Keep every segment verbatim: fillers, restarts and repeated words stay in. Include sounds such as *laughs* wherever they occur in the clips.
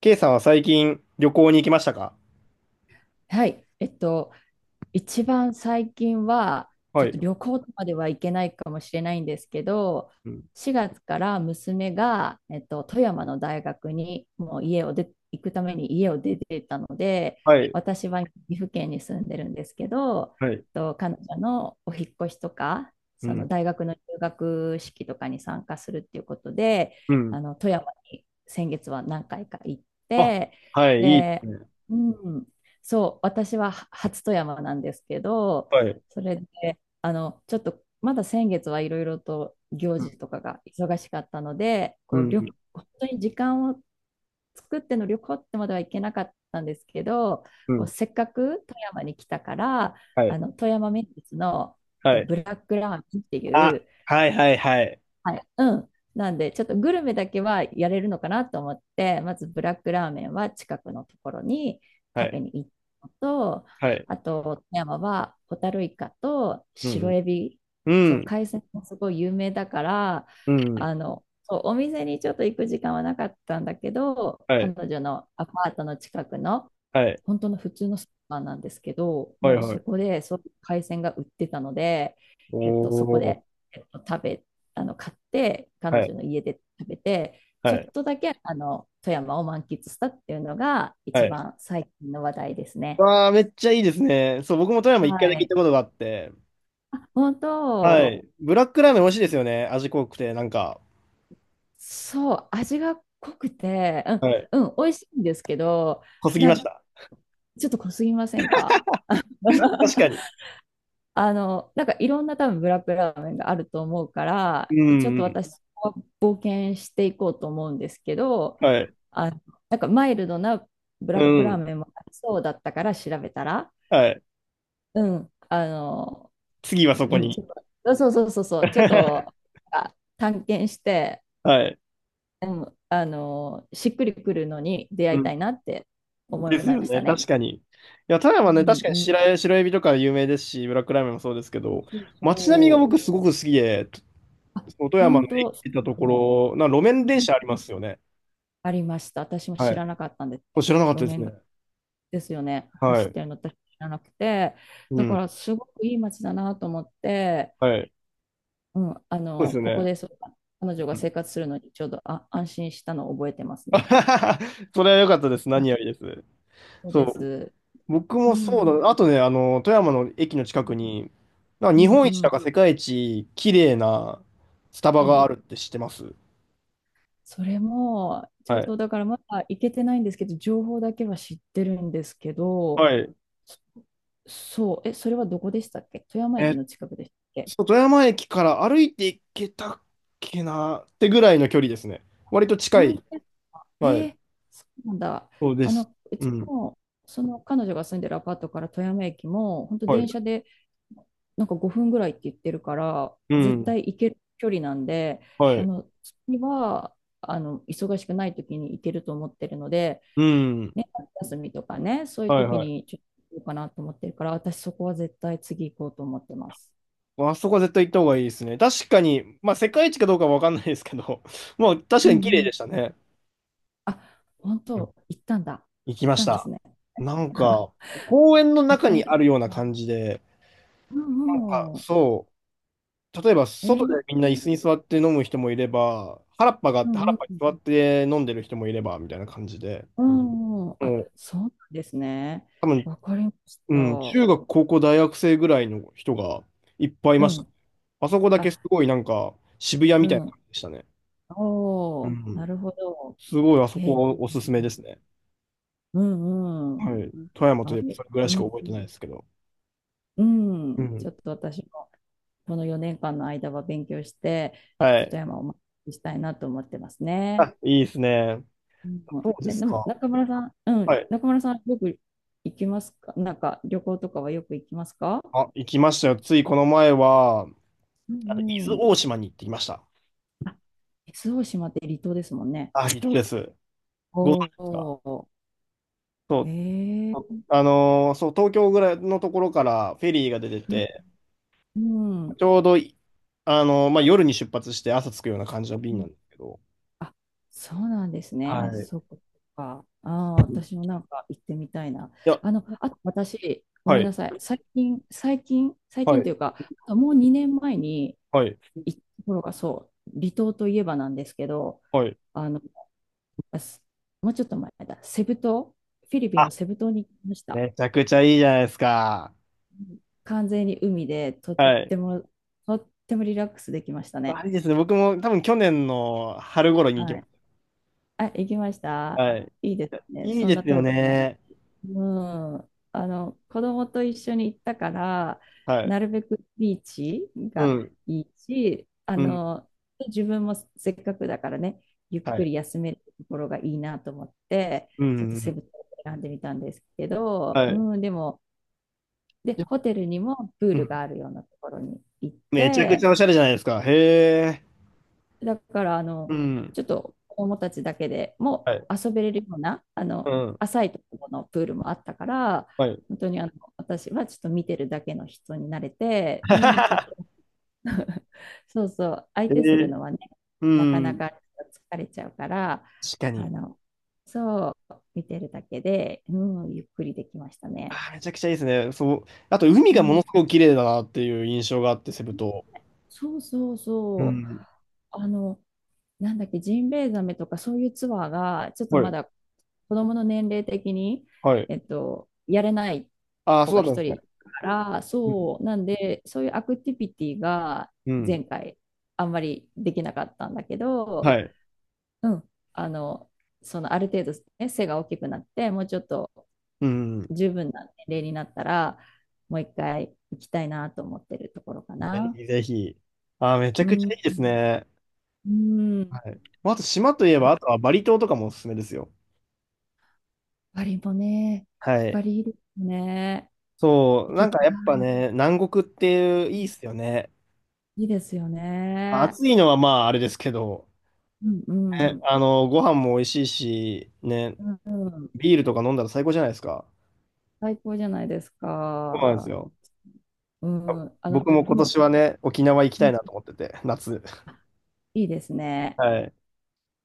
K さんは最近旅行に行きましたか？はい。えっと、一番最近は、ちはょっい。と旅行までは行けないかもしれないんですけど、うん。しがつから娘が、えっと、富山の大学にもう家を出、行くために家を出てたので、はい。私は岐阜県に住んでるんですけど、えはい。っと、彼女のお引っ越しとか、うそのん。大学の入学式とかに参加するっていうことで、うん。あの富山に先月は何回か行っあ、て、はい。いいですで、ね。うん、そう、私はは初富山なんですけど、はい。それで、あの、ちょっと、まだ先月はいろいろと行うん。事とかが忙しかったので、うこう、ん。旅、本当に時間を作っての旅行ってまではいけなかったんですけど、うこう、ん。せっかく富山に来たから、はい。あの、富山名物のえっはとい。ブラックラーメンっていあ、う、はいはいはい。はい。うん。なんで、ちょっとグルメだけはやれるのかなと思って、まずブラックラーメンは近くのところには食べい。に行ったのと、はい。あと、富山はホタルイカとう白ん。エビ、うそう、ん。海鮮もすごい有名だから、うん。うん。あの、そうお店にちょっと行く時間はなかったんだけど、は彼い。女のアパートの近くのはい。本当の普通のスーパーなんですけど、はいもうはそい。こでそういう海鮮が売ってたので、おえっと、そこー。で、えっと、食べ、あの、買って、彼はい。女の家で食べて、はちょっい。とだけ、あの、富山を満喫したっていうのがは一い。番最近の話題ですね。わー、めっちゃいいですね。そう、僕も富山一回だはけ行っい。たことがあって。本は当、い。ブラックラーメン美味しいですよね。味濃くて、なんか。そう、味が濃くて、はい。うん、うん、美味しいんですけど、濃すぎなんまかした。ちょっと濃すぎませんか？ 確 *laughs* かに。あの、なんかいろんな多分ブラックラーメンがあると思うかうら、ん。ちょっうとん。私、応援していこうと思うんですけど、はい。あ、なんかマイルドなブラッうクラーん。メンもありそうだったから調べたら、はい。うん、あの、次はそこうん、ちに。ょっと、そうそうそうそう、ちょっと *laughs* あ探検して、はい。あの、しっくりくるのに出う会いたん。いなって思でいすまよしね。たね。確かに。いや、富う山ね、確んかにうん。白え、白エビとか有名ですし、ブラックラーメンもそうですけそうど、そう街並みがそう。僕すごく好きで、とあ、その富山の本駅当、そ行ったとうこなの。ろ、な路面電車ありますよね。ありました。私もは知い。らなかったんです。これ知らなかっ路たです面が。ね。ですよね。は走っい。てるの私知らなくて。うだかん。ら、すごくいい街だなと思って、はい。うん、あそうでの、すよここね。でそう彼女うがん。 生活するのにちょうどあ安心したのを覚えてますね。*laughs* それは良かったです。あ、何よりです。そうそでう。す。僕うもそん。ううんだ。あとね、あの、富山の駅の近くに、なんかう日本一だんか世界一綺麗なスタバうん。があるって知ってます？それも、ちょはっい。とだからまだ行けてないんですけど、情報だけは知ってるんですけはど、い。そそう、え、それはどこでしたっけ？富山え駅っの近くでしたっけ？と、富山駅から歩いて行けたっけなってぐらいの距離ですね。割と近本い。当ですか？えはい。ーそうなんだ。そうであす。の、ううちん。もその彼女が住んでるアパートから富山駅も、本当はい。電車でなんかごふんぐらいって言ってるから、う絶ん。対行ける距離なんで、はあい。の、次は、あの、忙しくない時に行けると思ってるので、うん。ね、夏休みとかね、そういうはい時はい。にちょっと行こうかなと思ってるから、私そこは絶対次行こうと思ってます。あそこは絶対行った方がいいですね。確かに、まあ世界一かどうかはわかんないですけど、*laughs* まあ確うかんに綺麗うでしたん。ね。あ、本当、行ったんだ。行き行っましたんですた。ね。なん *laughs* か、公園の絶中に対行あく。るような感じで、うなんか、んうん。そう、例えばえ外ー、でみうんな椅子んに座って飲む人もいれば、原っぱがあうって、原っん。ぱに座って飲んでる人もいれば、みたいな感じで、うんうん。あ、もう、そうなんですね。多分、わかりましうた。ん、う中学、高校、大学生ぐらいの人がいっぱいいました。ん。あそこだあ、けすごいなんか、渋谷うみたいな感ん。じでしたね。おうお、なん。るほど。すごい、あそえい。こおすすめですね。うんうん。はい。富山とあ、いえばえ、それぐらいうしかん、覚えうてないん。ですけど。ううんん。ちょっと私も、このよねんかんの間は勉強して、ちょっはとい。富山をお待ちしたいなと思ってますね。あ、いいですね。うそん、うでえ、すでも、か。中村さん、うはん、い。中村さん、よく行きますか？なんか、旅行とかはよく行きますか？あ、行きましたよ。ついこの前は、うあの伊んう豆ん。大島に行ってきました。あ、伊豆大島って離島ですもんね。あ、離島です。ご存知おですか？お、そう。ええあのーそう、東京ぐらいのところからフェリーが出てうて、ん。ちょうどい、あのーまあ、夜に出発して朝着くような感じのう便なんんですけど。あ、そうなんですね。はい。そっいか。ああ、私もなんか行ってみたいな。や、あの、あと私、ごはめんい、なさい。最近、最近、最は近といい、うか、もうにねんまえにはい、行ったところがそう、離島といえばなんですけど、はい。あの、すもうちょっと前だ、セブ島、フィリピンあ、のセブ島に行きました。めちゃくちゃいいじゃないですか。完全に海でとっはい。てもとってもリラックスできましたあね。れですね。僕も多分去年の春頃に行きはましい。あ、行きました。た。はい。いいですいね。やいいそんでなすよ遠くない。ね。うん。あの、子供と一緒に行ったから、はい。なるべくビーチうがん、いいし、あうん、の、自分もせっかくだからね、ゆっはくい。り休めるところがいいなと思って、うちょっとセん。ブ島を選んでみたんですけど、はい。うん、でも、で、やっぱ、ホテルにもプーうルがん。あるようなところに行っめちゃくちて、ゃおしゃれじゃないですか。へえ。だから、あうの、ん。ちょっと子供たちだけでもはい。遊べれるような、あうの、ん。浅いところのプールもあったから、はい。本当にあの、私はちょっと見てるだけの人になれて、うん、とっても *laughs* *laughs* そうそう、相え手するーのはね、うなかなん。か疲れちゃうから、確かあに。の、そう、見てるだけで、うん、ゆっくりできましたあね。ー、めちゃくちゃいいですね。そう。あと、海うがものん、すごく綺麗だなっていう印象があって、セブ島。そうそううそう。ん。あの、なんだっけ、ジンベエザメとかそういうツアーが、ちょっとはまい。だ子供の年齢的に、はい。えっと、やれないああ、子そがうだったん一ですね。人から、うん。そう、なんで、そういうアクティビティがうん。前回あんまりできなかったんだけど、はい。うん、あの、そのある程度、ね、背が大きくなって、もうちょっとうん。十分な年齢になったら、もう一回行きたいなと思ってるところかぜな。ひぜひ。ああ、めちゃうくちゃん、いいですね。うん、はい。まああと、島といえだば、かあとはバリ島とかもおすすめですよ。パリもね、はパい。リいいですね。そ行う、なきんたかやっぱい。ね、南国っていいっすよね。いいですよね。暑いのはまああれですけど、うんうね、ん。あの、ご飯も美味しいし、ね、うんうん。ビールとか飲んだら最高じゃないですか。最高じゃないですそうなんですか。よ。うん。あの、僕もで今も、年はね、沖縄行きうたいんなと思ってて、夏。あいいですね。はい。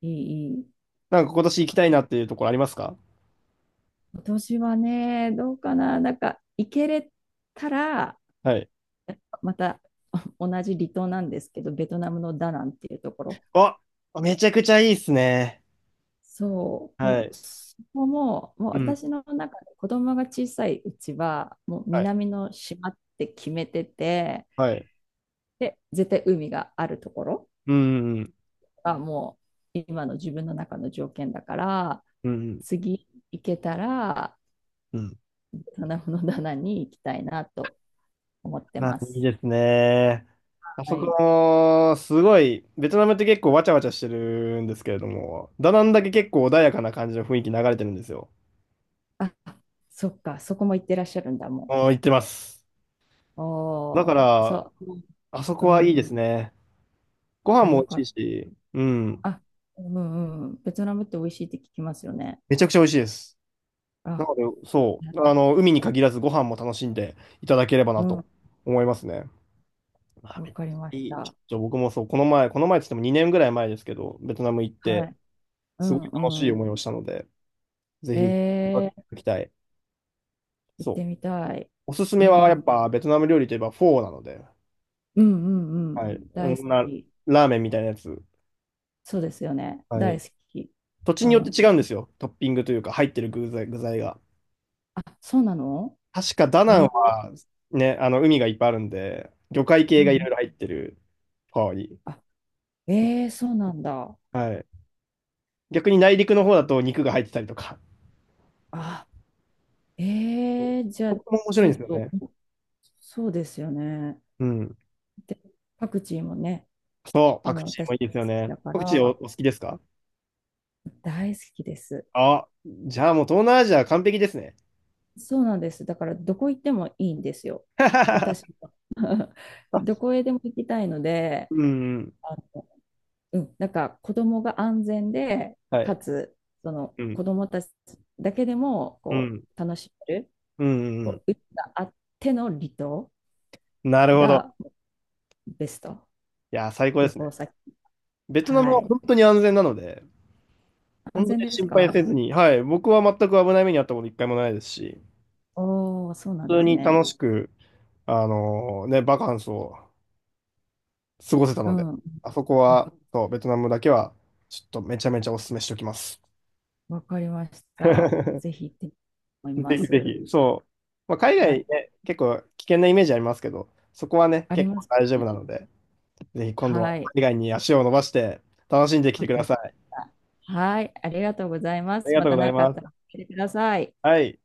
いい、いい。なんか今年行きたいなっていうところありますか？今年はね、どうかな。なんか、行けれたら、はい。また *laughs* 同じ離島なんですけど、ベトナムのダナンっていうところ、あ、めちゃくちゃいいっすね。そう、はもうい。そこも、もううん。私の中で子供が小さいうちは、もうはい。南の島って決めてて、はい。で、絶対海があるところうん。うん。がもう今の自分の中の条件だから、うん。次行けたら、うん。棚の棚に行きたいなと思ってまあ、まいいす。ですね。あはそい。こ、すごい、ベトナムって結構わちゃわちゃしてるんですけれども、ダナンだけ結構穏やかな感じの雰囲気流れてるんですよ。あ、そっか、そこも行ってらっしゃるんだもあー、行ってます。ん。だかおー、ら、そう、あそうこはいいん、ですね。ご飯あ、もよ美か味っしいし、うん、た。あ、うんうんうん、ベトナムって美味しいって聞きますよね。めちゃくちゃ美味しいです。なあ、ので、そねう、あの、海に限らずご飯も楽しんでいただければうなとん、思いますね。まあ、わめっちかりまゃしいい。ちょた。っと僕もそう、この前、この前って言ってもにねんぐらい前ですけど、ベトナム行っはて、い。うすごい楽しんいう思いをしたので、ぜん。ひ、行えー、きたい。行っそう。てみたい。おすすうめはやん、うっんぱベトナム料理といえばフォーなので、うんうん。はい。う大好ん、な、き。ラーメンみたいなやつ。そうですよね。は大い。好き。土地うによってん。違うんですよ。トッピングというか入ってる具材、具材が。あ、そうなの。確かダナンえー、はね、あの海がいっぱいあるんで、魚介系うがいろん。いろ入ってるフォーに。あ、えー、そうなんだ。はい。逆に内陸の方だと肉が入ってたりとか。あ、そう、えー、じゃそあ、こも面白ちいょんでっすよと、ね。そうですよね。うん。で、パクチーもね、そう、あパの、クチー私もいいで大好すよきね。だかパクチーお、おら、好きですか大好きです。あ、じゃあもう東南アジア完璧ですね。そうなんです。だからどこ行ってもいいんですよ。私 *laughs* は。*laughs* どこへでも行きたいので、うん、うん。あの、うん、なんか子供が安全で、はい。かつ、そのうん、子供たちだけでもうこん、う楽しめる、うん、うん。こう、うちがあっての離島なるほど。がベスト。いや、最高で旅すね。行先。ベトナムははい。本当に安全なので、本安当全にです心配か？せずに、はい、僕は全く危ない目に遭ったこと一回もないですし、おおー、そうなん普で通すにね。楽しく、あのーね、バカンスを過ごせたうので、ん。あそこあ、は、そう、ベトナムだけは、ちょっとめちゃめちゃお勧めしておきます。わかりました。*laughs* ぜひ行ってみたいと思いぜまひぜす。ひ、そう。まあ、海は外い。ね、結構危険なイメージありますけど、そこはね、あり結ま構す大丈夫ね。なので、ぜひ今度ははい。海外に足を伸ばして楽しんできてわくだかりさまい。した。はい、ありがとうございまありす。がまとうごたざい何かあっまたらす。教えてください。はい。